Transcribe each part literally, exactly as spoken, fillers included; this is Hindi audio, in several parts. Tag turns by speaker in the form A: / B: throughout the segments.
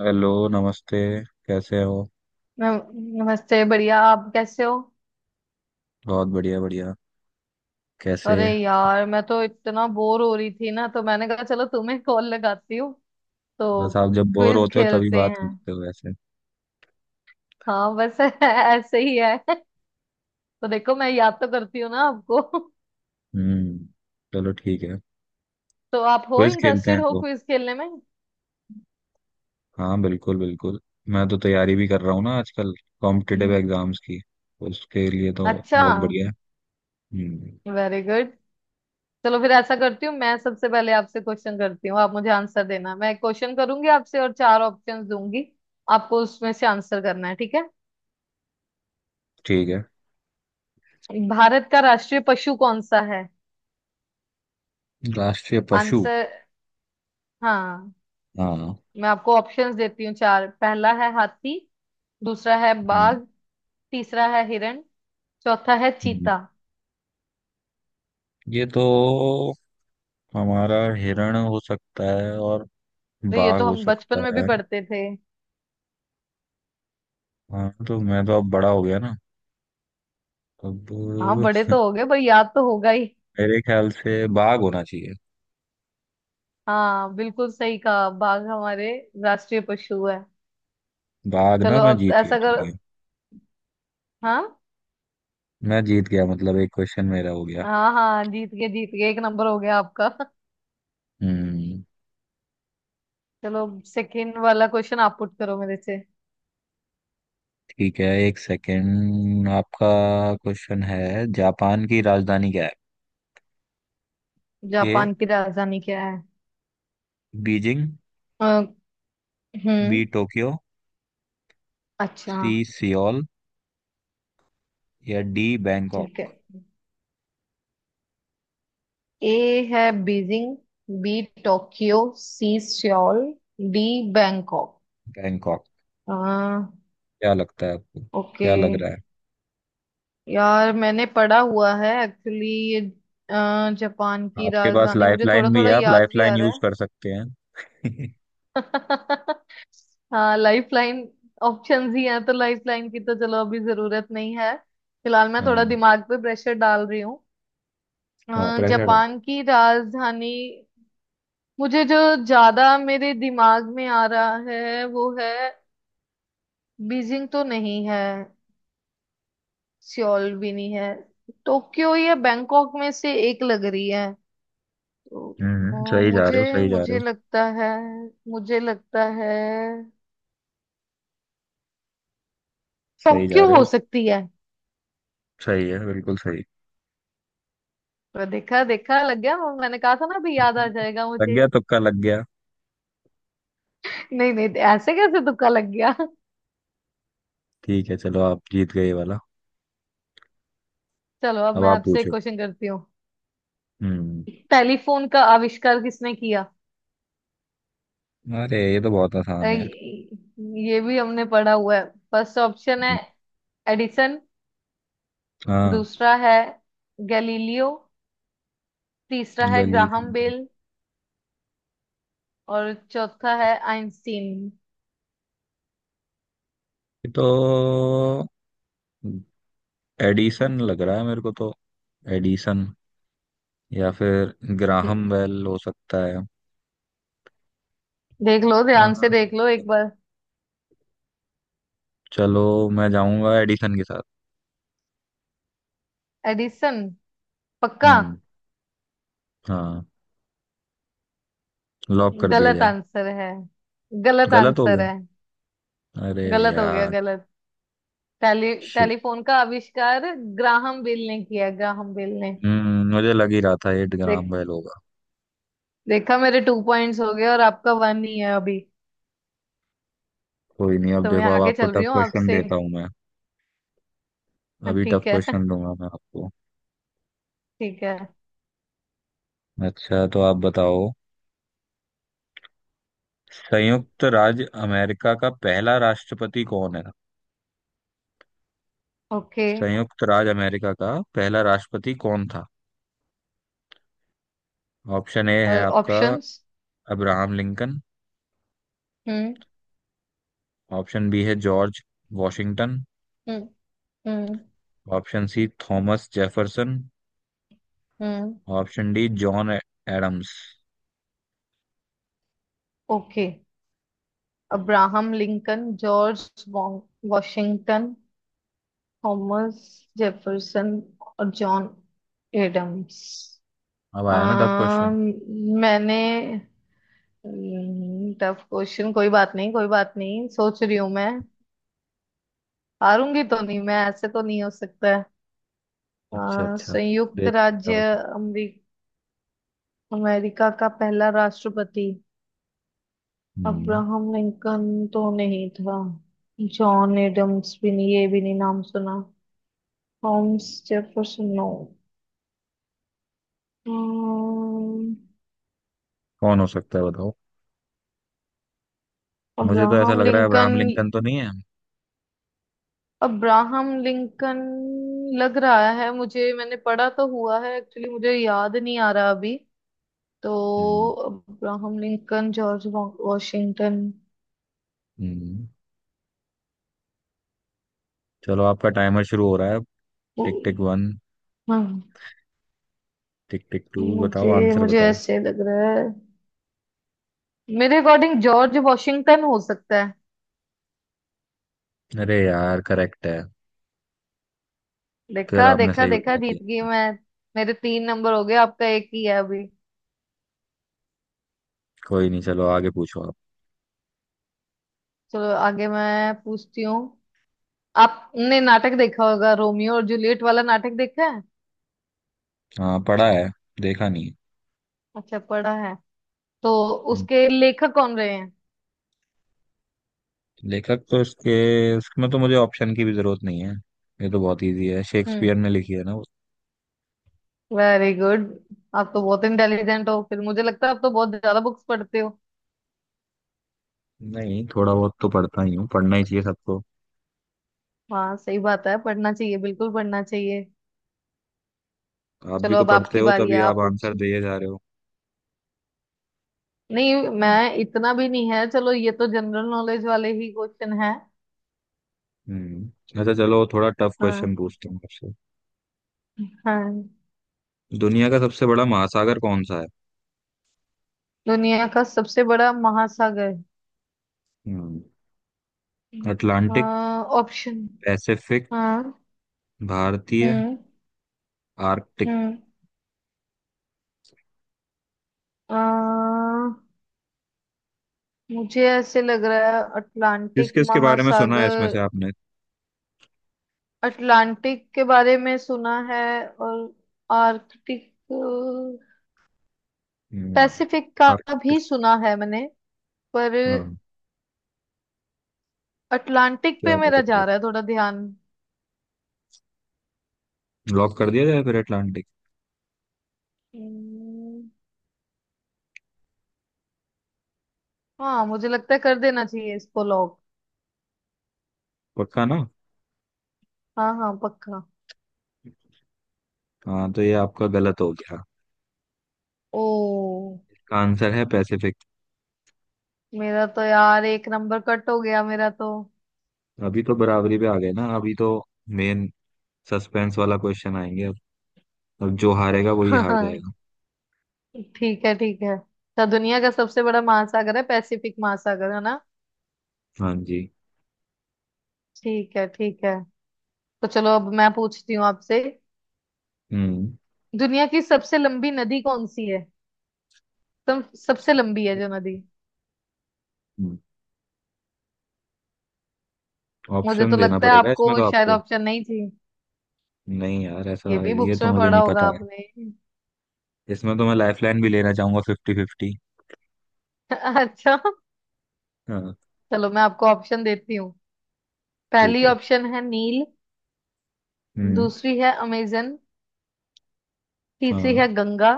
A: हेलो नमस्ते। कैसे हो?
B: नम- नमस्ते। बढ़िया, आप कैसे हो?
A: बहुत बढ़िया बढ़िया। कैसे?
B: अरे यार, मैं तो इतना बोर हो रही थी ना, तो मैंने कहा चलो तुम्हें कॉल लगाती हूँ। तो
A: बस आप जब बोर
B: क्विज
A: होते हो तभी
B: खेलते
A: बात
B: हैं?
A: करते हो वैसे।
B: हाँ, बस ऐसे ही है। तो देखो, मैं याद तो करती हूँ ना आपको।
A: हम्म। चलो ठीक है।
B: तो आप हो?
A: क्विज खेलते
B: इंटरेस्टेड
A: हैं
B: हो
A: तो?
B: क्विज खेलने में?
A: हाँ बिल्कुल बिल्कुल। मैं तो तैयारी भी कर रहा हूँ ना आजकल, कॉम्पिटिटिव
B: हम्म।
A: एग्जाम्स की। उसके लिए तो
B: अच्छा,
A: बहुत बढ़िया है। हम्म।
B: Very good. चलो फिर ऐसा करती हूँ, मैं सबसे पहले आपसे क्वेश्चन करती हूँ, आप मुझे आंसर देना। मैं क्वेश्चन करूंगी आपसे और चार ऑप्शंस दूंगी, आपको उसमें से आंसर करना है। ठीक है?
A: ठीक है।
B: भारत का राष्ट्रीय पशु कौन सा है?
A: राष्ट्रीय पशु?
B: आंसर। हाँ,
A: हाँ।
B: मैं आपको ऑप्शंस देती हूँ चार। पहला है हाथी, दूसरा है
A: हम्म।
B: बाघ, तीसरा है हिरण, चौथा है
A: हम्म।
B: चीता।
A: ये तो हमारा हिरण हो सकता है और
B: तो ये
A: बाघ
B: तो
A: हो
B: हम
A: सकता
B: बचपन में भी
A: है।
B: पढ़ते थे।
A: हाँ तो मैं तो अब बड़ा हो गया ना अब।
B: हाँ, बड़े तो हो गए पर याद तो होगा ही।
A: मेरे ख्याल से बाघ होना चाहिए।
B: हाँ, बिल्कुल सही कहा। बाघ हमारे राष्ट्रीय पशु है।
A: बाघ ना?
B: चलो
A: मैं
B: अब
A: जीत गया,
B: ऐसा
A: ठीक
B: करो।
A: है?
B: हाँ।
A: मैं जीत गया मतलब एक क्वेश्चन मेरा हो गया।
B: हाँ, हाँ, जीत गए, जीत गए, एक नंबर हो गया आपका।
A: हम्म।
B: चलो, सेकंड वाला क्वेश्चन आप पुट करो मेरे से।
A: ठीक है, एक सेकंड। आपका क्वेश्चन है, जापान की राजधानी क्या है। ए
B: जापान की राजधानी क्या
A: बीजिंग,
B: है? हम्म।
A: बी टोक्यो,
B: अच्छा।
A: सी सियोल, या डी बैंकॉक।
B: ठीक है। ए है Beijing, B Tokyo, C Seoul, D Bangkok.
A: Bangkok?
B: आ,
A: क्या लगता है आपको?
B: ओके।
A: क्या लग रहा है?
B: यार, मैंने पढ़ा हुआ है एक्चुअली ये। अ, जापान की
A: आपके पास
B: राजधानी मुझे थोड़ा
A: लाइफलाइन भी है,
B: थोड़ा
A: आप
B: याद भी आ
A: लाइफलाइन
B: रहा
A: यूज
B: है।
A: कर सकते हैं।
B: हाँ, लाइफ लाइन ऑप्शन ही हैं, तो लाइफ लाइन की तो चलो अभी जरूरत नहीं है। फिलहाल मैं थोड़ा
A: हाँ,
B: दिमाग पे प्रेशर डाल रही हूँ। अ,
A: हाँ। प्रेशर।
B: जापान की राजधानी मुझे जो ज्यादा मेरे दिमाग में आ रहा है वो है। बीजिंग तो नहीं है, सियोल भी नहीं है, टोक्यो या बैंकॉक में से एक लग रही है। तो अ,
A: हम्म, सही जा रहे हो,
B: मुझे
A: सही जा रहे
B: मुझे
A: हो।
B: लगता है, मुझे लगता है
A: सही जा
B: टोक्यो
A: रहे
B: हो
A: हो,
B: सकती है।
A: सही है, बिल्कुल सही।
B: तो देखा देखा लग गया। मैंने कहा था ना भी याद आ
A: हम्म।
B: जाएगा
A: लग
B: मुझे।
A: गया, तुक्का लग गया।
B: नहीं, नहीं, ऐसे कैसे तुक्का लग गया?
A: ठीक है, चलो आप जीत गए ये वाला।
B: चलो अब
A: अब
B: मैं
A: आप
B: आपसे
A: पूछो।
B: क्वेश्चन करती हूँ।
A: हम्म।
B: टेलीफोन का आविष्कार किसने किया?
A: अरे ये तो बहुत
B: अ,
A: आसान है।
B: ये ये भी हमने पढ़ा हुआ है। फर्स्ट ऑप्शन है
A: हम्म।
B: एडिसन,
A: हाँ।
B: दूसरा है गैलीलियो, तीसरा है
A: गली
B: ग्राहम
A: से-
B: बेल, और चौथा है आइंस्टीन।
A: ये तो एडिसन लग रहा है मेरे को तो। एडिसन या फिर ग्राहम बेल हो सकता है।
B: देख लो,
A: हाँ,
B: ध्यान से देख लो एक बार।
A: चलो मैं जाऊंगा एडिसन के साथ।
B: एडिसन? पक्का?
A: हम्म। हाँ। लॉक कर दिया
B: गलत
A: जाए।
B: आंसर है, गलत
A: गलत हो
B: आंसर
A: गया,
B: है।
A: अरे
B: गलत हो गया,
A: यार,
B: गलत। Tele
A: shit.
B: टेलीफोन का आविष्कार ग्राहम बेल ने किया, ग्राहम बेल ने।
A: हम्म, मुझे लग ही रहा था एट
B: देख,
A: ग्राम बेल होगा।
B: देखा, मेरे टू पॉइंट्स हो गए और आपका वन ही है अभी।
A: कोई नहीं, अब
B: तो मैं
A: देखो अब
B: आगे
A: आपको
B: चल रही
A: टफ
B: हूँ
A: क्वेश्चन
B: आपसे।
A: देता हूँ मैं।
B: हाँ,
A: अभी टफ
B: ठीक है।
A: क्वेश्चन दूंगा मैं आपको।
B: ठीक है।
A: अच्छा तो आप बताओ, संयुक्त राज्य अमेरिका का पहला राष्ट्रपति कौन है?
B: ओके।
A: संयुक्त राज्य अमेरिका का पहला राष्ट्रपति कौन था? ऑप्शन ए है आपका,
B: ऑप्शंस।
A: Abraham Lincoln.
B: हम्म।
A: ऑप्शन बी है जॉर्ज वॉशिंगटन।
B: हम्म। हम्म।
A: Option C Thomas Jefferson.
B: हम्म।
A: Option D John Adams.
B: Okay.
A: हम्म।
B: Abraham Lincoln, George Washington, Thomas Jefferson, और जॉन एडम्स।
A: अब आया ना टफ क्वेश्चन?
B: अम, मैंने टफ क्वेश्चन, कोई बात नहीं, कोई बात नहीं, सोच रही हूँ मैं। हारूंगी तो नहीं मैं, ऐसे तो नहीं हो सकता है। अ,
A: अच्छा, अच्छा।
B: संयुक्त
A: देखते हैं
B: राज्य
A: अब।
B: अमेरिका अमेरिका का पहला राष्ट्रपति।
A: हम्म।
B: अब्राहम लिंकन तो नहीं था, जॉन एडम्स भी नहीं, ये भी नहीं नाम सुना, थॉमस जेफरसन नो। हम्म,
A: कौन हो सकता है बताओ। मुझे तो ऐसा
B: अब्राहम
A: लग रहा है अब्राहम
B: लिंकन।
A: लिंकन तो नहीं है।
B: अब्राहम लिंकन लग रहा है मुझे। मैंने पढ़ा तो हुआ है एक्चुअली, मुझे याद नहीं आ रहा अभी। तो
A: हम्म।
B: अब्राहम लिंकन, जॉर्ज वॉ- वॉशिंगटन।
A: हम्म। चलो आपका टाइमर शुरू हो रहा है। टिक
B: उ-
A: टिक वन।
B: हाँ,
A: टिक टिक टू, बताओ
B: मुझे
A: आंसर
B: मुझे
A: बताओ।
B: ऐसे लग रहा है, मेरे अकॉर्डिंग जॉर्ज वॉशिंगटन हो सकता है।
A: अरे यार करेक्ट है। फिर
B: देखा,
A: आपने
B: देखा,
A: सही
B: देखा,
A: बता
B: जीत
A: दिया।
B: गई मैं। मेरे तीन नंबर हो गए, आपका एक ही है अभी।
A: कोई नहीं, चलो आगे पूछो आप।
B: चलो आगे मैं पूछती हूँ। आपने नाटक देखा होगा रोमियो और जूलियट वाला, नाटक देखा है?
A: हाँ पढ़ा है, देखा नहीं है।
B: अच्छा, पढ़ा है। तो
A: हम्म।
B: उसके लेखक कौन रहे हैं?
A: लेखक तो इसके इसमें तो मुझे ऑप्शन की भी जरूरत नहीं है। ये तो बहुत इजी है,
B: हम्म।
A: शेक्सपियर ने लिखी है ना वो।
B: Very good. आप तो बहुत इंटेलिजेंट हो। फिर मुझे लगता है आप तो बहुत ज्यादा बुक्स पढ़ते हो।
A: नहीं, थोड़ा बहुत तो पढ़ता ही हूँ, पढ़ना ही चाहिए सबको।
B: हाँ, सही बात है, पढ़ना चाहिए, बिल्कुल पढ़ना चाहिए।
A: आप भी
B: चलो,
A: तो
B: अब
A: पढ़ते
B: आपकी
A: हो
B: बारी है,
A: तभी आप
B: आप पूछ।
A: आंसर दिए जा रहे हो।
B: नहीं,
A: हम्म।
B: मैं इतना भी नहीं है। चलो ये तो जनरल नॉलेज वाले ही क्वेश्चन है।
A: हम्म। अच्छा चलो थोड़ा टफ क्वेश्चन
B: हाँ।
A: पूछता हूँ आपसे।
B: हाँ,
A: दुनिया का सबसे बड़ा महासागर कौन सा है?
B: दुनिया का सबसे बड़ा महासागर।
A: हम्म।
B: हम्म।
A: Atlantic,
B: option.
A: पैसिफिक,
B: हाँ।
A: भारतीय,
B: हम्म।
A: आर्कटिक।
B: हम्म। अ, मुझे ऐसे लग रहा है
A: किस
B: अटलांटिक
A: किस के बारे में सुना है इसमें
B: महासागर।
A: से आपने?
B: अटलांटिक के बारे में सुना है, और आर्कटिक, पैसिफिक का
A: हम्म। आर्कटिक।
B: भी सुना है मैंने, पर
A: हाँ।
B: अटलांटिक
A: क्या
B: पे
A: लग
B: मेरा
A: रहा है?
B: जा रहा है थोड़ा ध्यान।
A: लॉक कर दिया जाए फिर, अटलांटिक?
B: हम्म, हाँ, मुझे लगता है कर देना चाहिए इसको लॉक।
A: पक्का ना?
B: हाँ, हाँ, पक्का।
A: हाँ तो ये आपका गलत हो गया।
B: ओ,
A: इसका आंसर है पैसिफिक।
B: मेरा तो यार एक नंबर कट हो गया मेरा तो।
A: अभी तो बराबरी पे आ गए ना अभी तो। मेन सस्पेंस वाला क्वेश्चन आएंगे अब। अब जो हारेगा वही हार
B: ठीक
A: जाएगा।
B: है, ठीक है। तो दुनिया का सबसे बड़ा महासागर है पैसिफिक महासागर, है ना?
A: हाँ जी।
B: ठीक है, ठीक है। तो चलो अब मैं पूछती हूँ आपसे।
A: हम्म।
B: दुनिया की सबसे लंबी नदी कौन सी है? तुम सबसे लंबी है जो नदी।
A: हम्म।
B: मुझे
A: ऑप्शन
B: तो
A: देना
B: लगता है
A: पड़ेगा
B: आपको
A: इसमें तो
B: शायद
A: आपको?
B: ऑप्शन नहीं चाहिए,
A: नहीं यार, ऐसा
B: ये भी
A: ये
B: बुक्स
A: तो
B: में
A: मुझे
B: पढ़ा
A: नहीं
B: होगा
A: पता है।
B: आपने।
A: इसमें तो मैं लाइफलाइन भी लेना चाहूंगा, फिफ्टी फिफ्टी।
B: अच्छा,
A: हाँ।
B: चलो मैं आपको ऑप्शन देती हूँ।
A: ठीक
B: पहली
A: है।
B: ऑप्शन है नील,
A: हम्म।
B: दूसरी है अमेजन, तीसरी है
A: हाँ।
B: गंगा,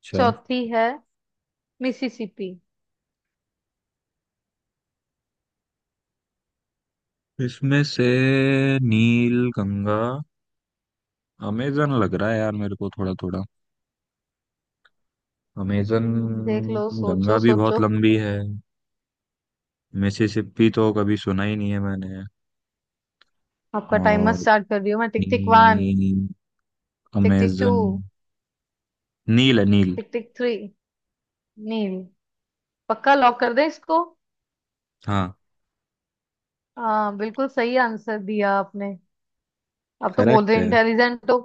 A: अच्छा।
B: चौथी है मिसिसिपी।
A: इसमें से नील, गंगा, अमेजन लग रहा है यार मेरे को थोड़ा थोड़ा। अमेजन।
B: हम्म, देख लो,
A: गंगा
B: सोचो,
A: भी बहुत
B: सोचो।
A: लंबी है। मिसिसिपी तो कभी सुना ही नहीं है मैंने।
B: आपका टाइमर
A: और
B: स्टार्ट कर रही हूँ मैं। टिक टिक वन,
A: नी,
B: tick tick two,
A: Amazon, Nile है Nile.
B: Tick tick three. Nile? पक्का? लॉक कर दें इसको?
A: हाँ।
B: हाँ, बिल्कुल सही आंसर दिया आपने। अब तो बोल
A: करेक्ट
B: रहे
A: है।
B: इंटेलिजेंट हो।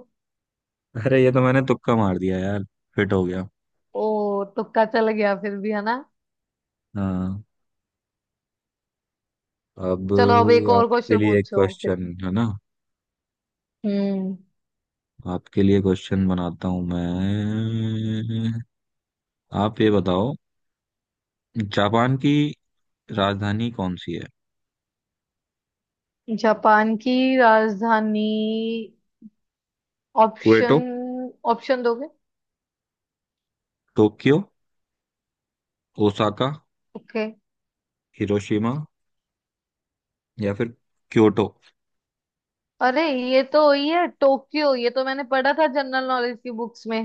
A: अरे ये तो मैंने तुक्का मार दिया यार, फिट हो गया।
B: ओ, तुक्का चल गया फिर भी, है ना?
A: हाँ। अब
B: चलो अब एक और
A: आपके
B: क्वेश्चन
A: लिए एक
B: पूछो फिर।
A: क्वेश्चन है ना?
B: हम्म।
A: आपके लिए क्वेश्चन बनाता हूं मैं। आप ये बताओ, जापान की राजधानी कौन सी है?
B: जापान की राजधानी।
A: Kyoto,
B: option. ऑप्शन दोगे?
A: Tokyo, Osaka,
B: okay.
A: हिरोशिमा, या फिर क्योटो।
B: अरे, ये तो वही है, टोक्यो। ये तो मैंने पढ़ा था जनरल नॉलेज की बुक्स में।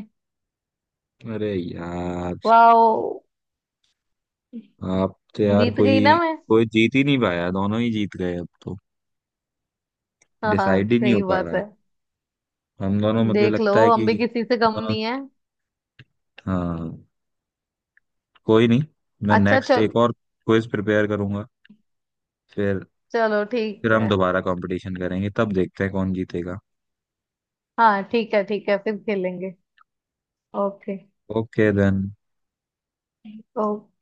A: अरे यार,
B: वाह।
A: आप तो यार।
B: जीत गई ना
A: कोई
B: मैं?
A: कोई जीत ही नहीं पाया, दोनों ही जीत गए अब तो।
B: हाँ, हाँ,
A: डिसाइड ही नहीं हो
B: सही
A: पा
B: बात
A: रहा
B: है।
A: है हम दोनों, मुझे
B: देख लो
A: लगता है
B: हम भी
A: कि।
B: किसी से कम नहीं है।
A: हाँ, कोई नहीं। मैं
B: अच्छा,
A: नेक्स्ट
B: चल।
A: एक और क्विज प्रिपेयर करूंगा फिर।
B: चलो ठीक
A: फिर
B: है।
A: हम दोबारा कंपटीशन करेंगे, तब देखते हैं कौन जीतेगा।
B: हाँ, ठीक है, ठीक है, फिर खेलेंगे। ओके।
A: Okay then.
B: ओके।